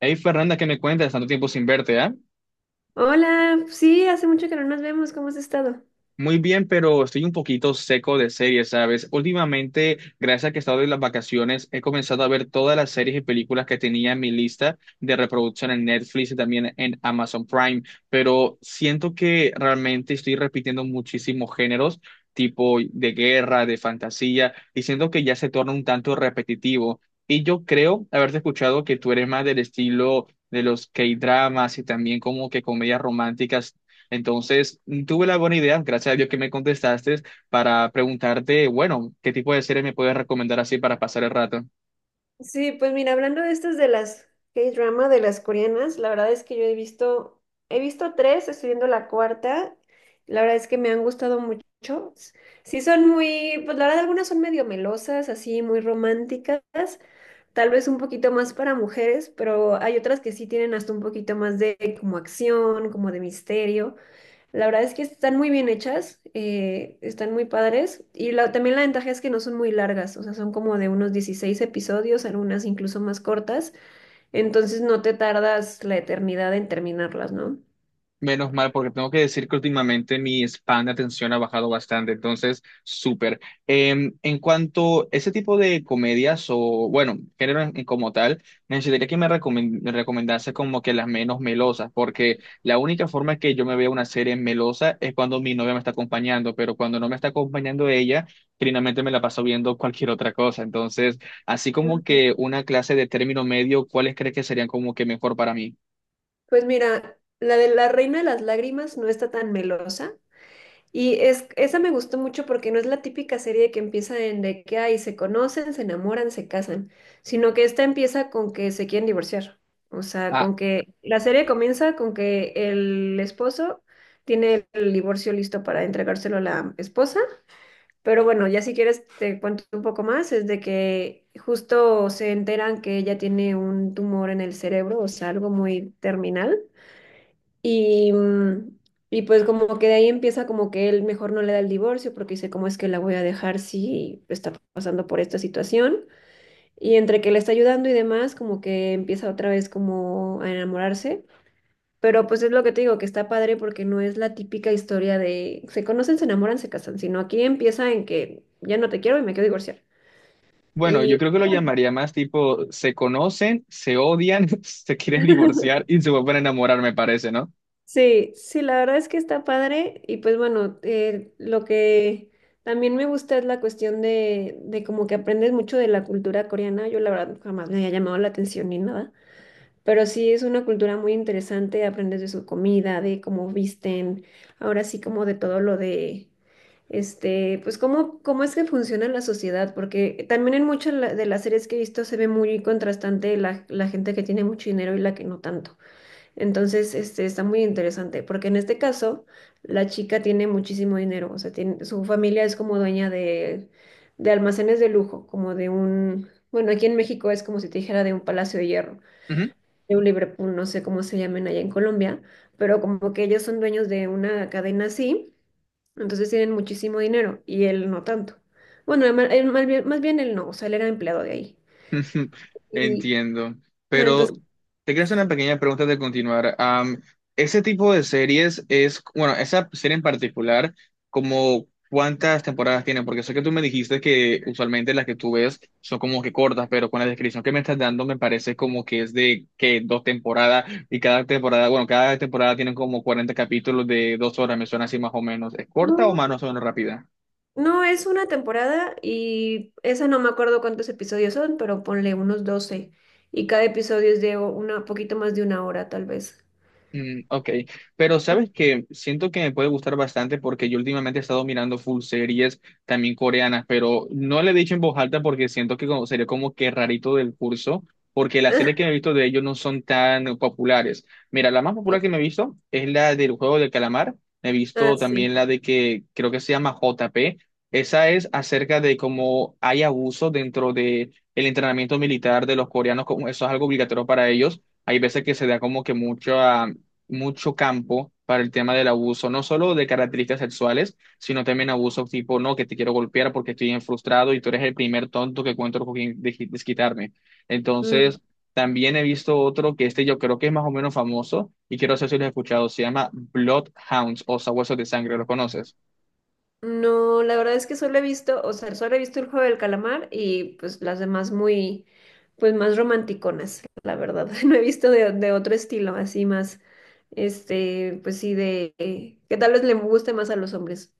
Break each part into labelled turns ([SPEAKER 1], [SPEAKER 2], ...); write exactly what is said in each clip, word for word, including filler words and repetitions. [SPEAKER 1] Hey Fernanda, ¿qué me cuentas? Tanto tiempo sin verte, ¿ah?
[SPEAKER 2] Hola, sí, hace mucho que no nos vemos, ¿cómo has estado?
[SPEAKER 1] Muy bien, pero estoy un poquito seco de series, ¿sabes? Últimamente, gracias a que he estado en las vacaciones, he comenzado a ver todas las series y películas que tenía en mi lista de reproducción en Netflix y también en Amazon Prime, pero siento que realmente estoy repitiendo muchísimos géneros, tipo de guerra, de fantasía, y siento que ya se torna un tanto repetitivo. Y yo creo haberte escuchado que tú eres más del estilo de los K-dramas y también como que comedias románticas entonces, mm, tuve la buena idea, gracias a Dios que me contestaste, para preguntarte, bueno, ¿qué tipo de serie me puedes recomendar así para pasar el rato?
[SPEAKER 2] Sí, pues mira, hablando de estas de las K-drama, de las coreanas, la verdad es que yo he visto, he visto tres, estoy viendo la cuarta, la verdad es que me han gustado mucho. Sí son muy, pues la verdad algunas son medio melosas, así muy románticas, tal vez un poquito más para mujeres, pero hay otras que sí tienen hasta un poquito más de como acción, como de misterio. La verdad es que están muy bien hechas, eh, están muy padres y la- también la ventaja es que no son muy largas, o sea, son como de unos dieciséis episodios, algunas incluso más cortas, entonces no te tardas la eternidad en terminarlas, ¿no?
[SPEAKER 1] Menos mal, porque tengo que decir que últimamente mi span de atención ha bajado bastante, entonces, súper. Eh, en cuanto a ese tipo de comedias o, bueno, género en- como tal, necesitaría que me, recomen- me recomendase como que las menos melosas, porque la única forma que yo me vea una serie melosa es cuando mi novia me está acompañando, pero cuando no me está acompañando ella, finalmente me la paso viendo cualquier otra cosa. Entonces, así como
[SPEAKER 2] Ujú.
[SPEAKER 1] que una clase de término medio, ¿cuáles crees que serían como que mejor para mí?
[SPEAKER 2] Pues mira, la de La Reina de las Lágrimas no está tan melosa. Y es, esa me gustó mucho porque no es la típica serie que empieza en de que ahí se conocen, se enamoran, se casan, sino que esta empieza con que se quieren divorciar. O sea, con que la serie comienza con que el esposo tiene el divorcio listo para entregárselo a la esposa, pero bueno, ya si quieres te cuento un poco más, es de que justo se enteran que ella tiene un tumor en el cerebro, o sea, algo muy terminal. Y, mm, y pues como que de ahí empieza como que él mejor no le da el divorcio porque dice, ¿cómo es que la voy a dejar si está pasando por esta situación? Y entre que le está ayudando y demás, como que empieza otra vez como a enamorarse. Pero pues es lo que te digo, que está padre porque no es la típica historia de se conocen, se enamoran, se casan, sino aquí empieza en que ya no te quiero y me quiero divorciar.
[SPEAKER 1] Bueno, yo creo que lo llamaría más tipo, se conocen, se odian, se quieren divorciar y se vuelven a enamorar, me parece, ¿no?
[SPEAKER 2] Sí, sí, la verdad es que está padre y pues bueno, eh, lo que también me gusta es la cuestión de, de como que aprendes mucho de la cultura coreana. Yo la verdad jamás me había llamado la atención ni nada, pero sí es una cultura muy interesante, aprendes de su comida, de cómo visten, ahora sí como de todo lo de, este, pues cómo, cómo es que funciona la sociedad, porque también en muchas la- de las series que he visto se ve muy contrastante la, la gente que tiene mucho dinero y la que no tanto. Entonces, este, está muy interesante, porque en este caso, la chica tiene muchísimo dinero, o sea, tiene, su familia es como dueña de, de almacenes de lujo, como de un, bueno, aquí en México es como si te dijera de un Palacio de Hierro, de un Liverpool, no sé cómo se llamen allá en Colombia, pero como que ellos son dueños de una cadena así, entonces tienen muchísimo dinero y él no tanto. Bueno, él ma- él más bien, más bien él no, o sea, él era empleado de ahí.
[SPEAKER 1] Ujú.
[SPEAKER 2] Y,
[SPEAKER 1] Entiendo.
[SPEAKER 2] o sea,
[SPEAKER 1] Pero
[SPEAKER 2] entonces,
[SPEAKER 1] te quiero hacer
[SPEAKER 2] sí,
[SPEAKER 1] una pequeña pregunta de continuar. Am, ese tipo de series es, bueno, esa serie en particular, como cuántas temporadas tiene, porque sé que tú me dijiste que usualmente las que tú ves son como que cortas, pero con la descripción que me estás dando me parece como que es de que dos temporadas y cada temporada, bueno, cada temporada tiene como cuarenta capítulos de dos horas, me suena así más o menos. ¿Es corta o
[SPEAKER 2] no,
[SPEAKER 1] más o menos rápida?
[SPEAKER 2] no, es una temporada y esa no me acuerdo cuántos episodios son, pero ponle unos doce. Y cada episodio es de una poquito más de una hora, tal vez.
[SPEAKER 1] Mm, ok, pero sabes que siento que me puede gustar bastante porque yo últimamente he estado mirando full series también coreanas, pero no le he dicho en voz alta porque siento que como- sería como que rarito del curso, porque las series que me he visto de ellos no son tan populares. Mira, la más popular que me he visto es la del juego del calamar, me he
[SPEAKER 2] Ah,
[SPEAKER 1] visto
[SPEAKER 2] sí.
[SPEAKER 1] también la de que creo que se llama J P, esa es acerca de cómo hay abuso dentro de el entrenamiento militar de los coreanos, como eso es algo obligatorio para ellos. Hay veces que se da como que mucho mucho campo para el tema del abuso, no solo de características sexuales, sino también abuso tipo, no, que te quiero golpear porque estoy bien frustrado y tú eres el primer tonto que encuentro con quien des- desquitarme.
[SPEAKER 2] Mm.
[SPEAKER 1] Entonces, también he visto otro que este yo creo que es más o menos famoso y quiero saber si lo has escuchado, se llama Bloodhounds o Sabuesos de Sangre, ¿lo conoces?
[SPEAKER 2] No, la verdad es que solo he visto, o sea, solo he visto el juego del calamar y pues las demás muy, pues más romanticonas, la verdad. No he visto de, de otro estilo, así más, este, pues sí, de, eh, que tal vez le guste más a los hombres.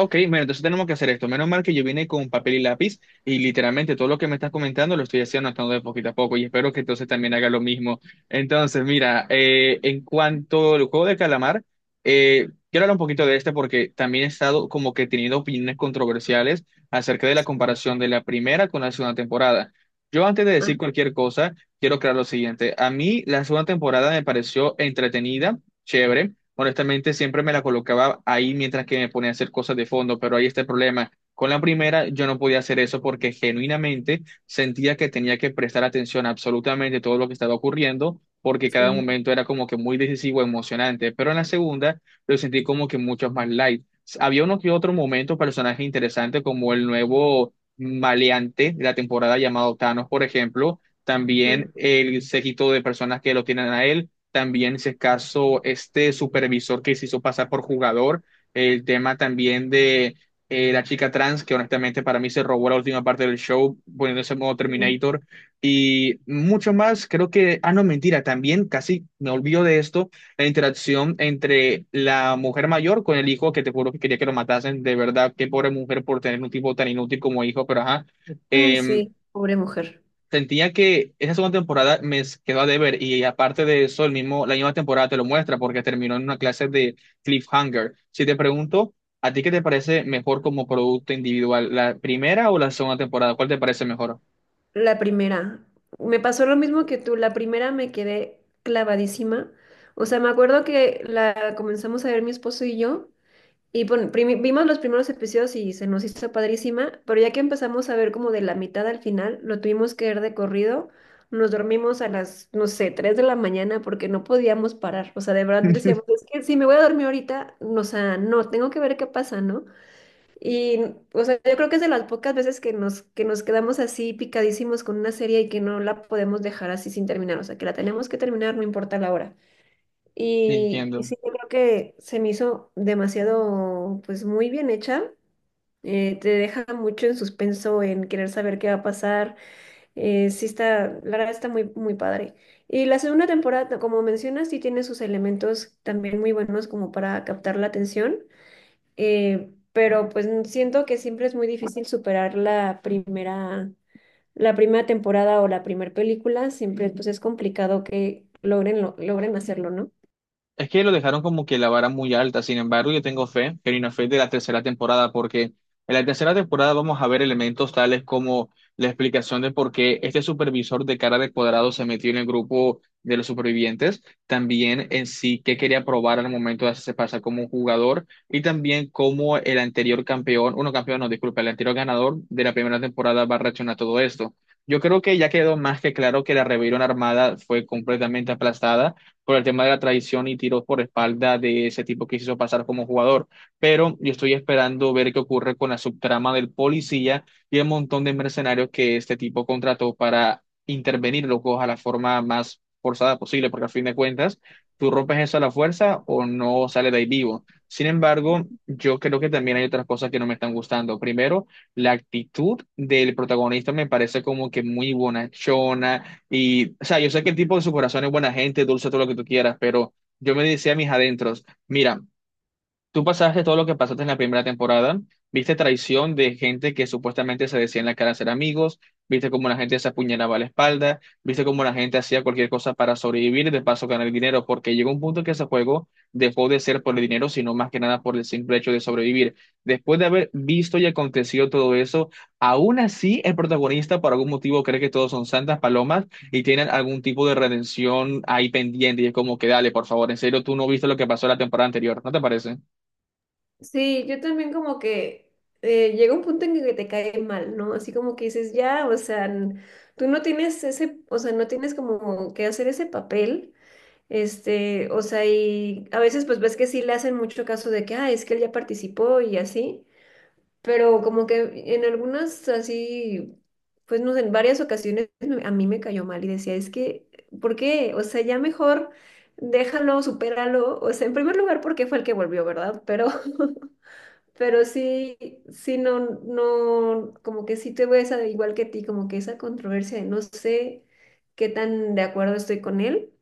[SPEAKER 1] Ok, bueno, entonces tenemos que hacer esto. Menos mal que yo vine con papel y lápiz y literalmente todo lo que me estás comentando lo estoy haciendo anotando de poquito a poco y espero que entonces también haga lo mismo. Entonces, mira, eh, en cuanto al juego de calamar, eh, quiero hablar un poquito de este porque también he estado como que teniendo opiniones controversiales acerca de la comparación de la primera con la segunda temporada. Yo antes de
[SPEAKER 2] Ah,
[SPEAKER 1] decir cualquier cosa, quiero aclarar lo siguiente. A mí la segunda temporada me pareció entretenida, chévere honestamente siempre me la colocaba ahí mientras que me ponía a hacer cosas de fondo, pero ahí está el problema. Con la primera yo no podía hacer eso porque genuinamente sentía que tenía que prestar atención a absolutamente todo lo que estaba ocurriendo, porque cada
[SPEAKER 2] sí.
[SPEAKER 1] momento era como que muy decisivo, emocionante, pero en la segunda lo sentí como que mucho más light. Había uno que otro momento, personaje interesante como el nuevo maleante de la temporada llamado Thanos, por ejemplo,
[SPEAKER 2] Mm,
[SPEAKER 1] también el séquito de personas que lo tienen a él, también si es caso este supervisor que se hizo pasar por jugador, el tema también de eh, la chica trans, que honestamente para mí se robó la última parte del show poniéndose en modo
[SPEAKER 2] sí.
[SPEAKER 1] Terminator y mucho más, creo que, ah no, mentira, también casi me olvido de esto, la interacción entre la mujer mayor con el hijo, que te juro que quería que lo matasen, de verdad, qué pobre mujer por tener un tipo tan inútil como hijo, pero ajá.
[SPEAKER 2] Ay,
[SPEAKER 1] Em,
[SPEAKER 2] sí, pobre mujer.
[SPEAKER 1] Sentía que esa segunda temporada me quedó a deber y aparte de eso, el mismo, la misma temporada te lo muestra porque terminó en una clase de cliffhanger. Si te pregunto, ¿a ti qué te parece mejor como producto individual, la primera o la segunda temporada? ¿Cuál te parece mejor?
[SPEAKER 2] La primera. Me pasó lo mismo que tú. La primera me quedé clavadísima. O sea, me acuerdo que la comenzamos a ver mi esposo y yo. Y bueno, primi- vimos los primeros episodios y se nos hizo padrísima. Pero ya que empezamos a ver como de la mitad al final, lo tuvimos que ver de corrido. Nos dormimos a las, no sé, tres de la mañana porque no podíamos parar. O sea, de verdad decíamos, es que si me voy a dormir ahorita, no, o sea, no, tengo que ver qué pasa, ¿no? Y, o sea, yo creo que es de las pocas veces que nos, que nos quedamos así picadísimos con una serie y que no la podemos dejar así sin terminar, o sea, que la tenemos que terminar, no importa la hora. Y, y
[SPEAKER 1] Entiendo.
[SPEAKER 2] sí, yo creo que se me hizo demasiado, pues muy bien hecha. Eh, te deja mucho en suspenso, en querer saber qué va a pasar. Eh, sí está, la verdad está muy, muy padre. Y la segunda temporada, como mencionas, sí tiene sus elementos también muy buenos como para captar la atención, eh, pero pues siento que siempre es muy difícil superar la primera, la primera temporada o la primera película, siempre pues es complicado que logren, lo- logren hacerlo, ¿no?
[SPEAKER 1] Es que lo dejaron como que la vara muy alta, sin embargo, yo tengo fe, pero una fe de la tercera temporada, porque en la tercera temporada vamos a ver elementos tales como la explicación de por qué este supervisor de cara de cuadrado se metió en el grupo de los supervivientes, también en sí qué quería probar al momento de hacerse pasar como un jugador, y también cómo el anterior campeón, uno campeón, no, disculpa, el anterior ganador de la primera temporada va a reaccionar a todo esto. Yo creo que ya quedó más que claro que la rebelión armada fue completamente aplastada por el tema de la traición y tiros por espalda de ese tipo que se hizo pasar como jugador. Pero yo estoy esperando ver qué ocurre con la subtrama del policía y el montón de mercenarios que este tipo contrató para intervenir, locos, a la forma más forzada posible, porque a fin de cuentas, tú rompes eso a la fuerza o no sales de ahí vivo. Sin embargo, yo creo que también hay otras cosas que no me están gustando. Primero, la actitud del protagonista me parece como que muy bonachona, y, o sea, yo sé que el tipo en su corazón es buena gente, dulce, todo lo que tú quieras, pero yo me decía a mis adentros, mira, tú pasaste todo lo que pasaste en la primera temporada, viste traición de gente que supuestamente se decía en la cara ser amigos, viste cómo la gente se apuñalaba a la espalda, viste cómo la gente hacía cualquier cosa para sobrevivir y de paso ganar dinero, porque llegó un punto que ese juego dejó de ser por el dinero, sino más que nada por el simple hecho de sobrevivir. Después de haber visto y acontecido todo eso, aún así el protagonista por algún motivo cree que todos son santas palomas y tienen algún tipo de redención ahí pendiente y es como que dale, por favor, en serio, tú no viste lo que pasó la temporada anterior, ¿no te parece?
[SPEAKER 2] Sí, yo también como que eh, llega un punto en que te cae mal, ¿no? Así como que dices, ya, o sea, n- tú no tienes ese, o sea, no tienes como que hacer ese papel, este, o sea, y a veces pues ves que sí le hacen mucho caso de que, ah, es que él ya participó y así, pero como que en algunas así, pues no sé, en varias ocasiones me- a mí me cayó mal y decía, es que, ¿por qué? O sea, ya mejor déjalo, supéralo. O sea, en primer lugar, porque fue el que volvió, ¿verdad? Pero, pero sí, sí, no, no, como que sí te ves igual que ti, como que esa controversia de no sé qué tan de acuerdo estoy con él.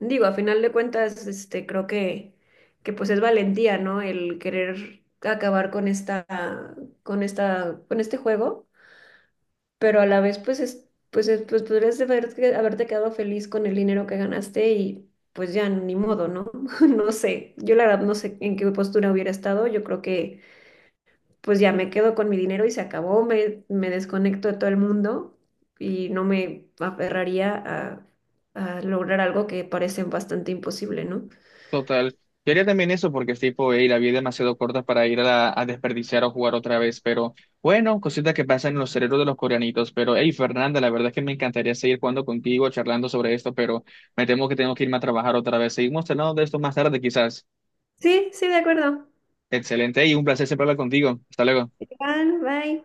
[SPEAKER 2] Digo, a final de cuentas, este, creo que, que pues es valentía, ¿no? El querer acabar con esta, con esta, con este juego, pero a la vez, pues es, pues es- pues podrías haber- haberte quedado feliz con el dinero que ganaste y pues ya ni modo, ¿no? No sé. Yo la verdad no sé en qué postura hubiera estado. Yo creo que pues ya me quedo con mi dinero y se acabó, me, me desconecto de todo el mundo y no me aferraría a a lograr algo que parece bastante imposible, ¿no?
[SPEAKER 1] Total. Yo haría también eso porque es tipo, "Ey, la vida es demasiado corta para ir a, la- a desperdiciar o jugar otra vez". Pero bueno, cositas que pasan en los cerebros de los coreanitos. Pero hey, Fernanda, la verdad es que me encantaría seguir jugando contigo, charlando sobre esto, pero me temo que tengo que irme a trabajar otra vez. Seguimos hablando de esto más tarde, quizás.
[SPEAKER 2] Sí, sí, de acuerdo.
[SPEAKER 1] Excelente y un placer siempre hablar contigo. Hasta luego.
[SPEAKER 2] Igual, bye.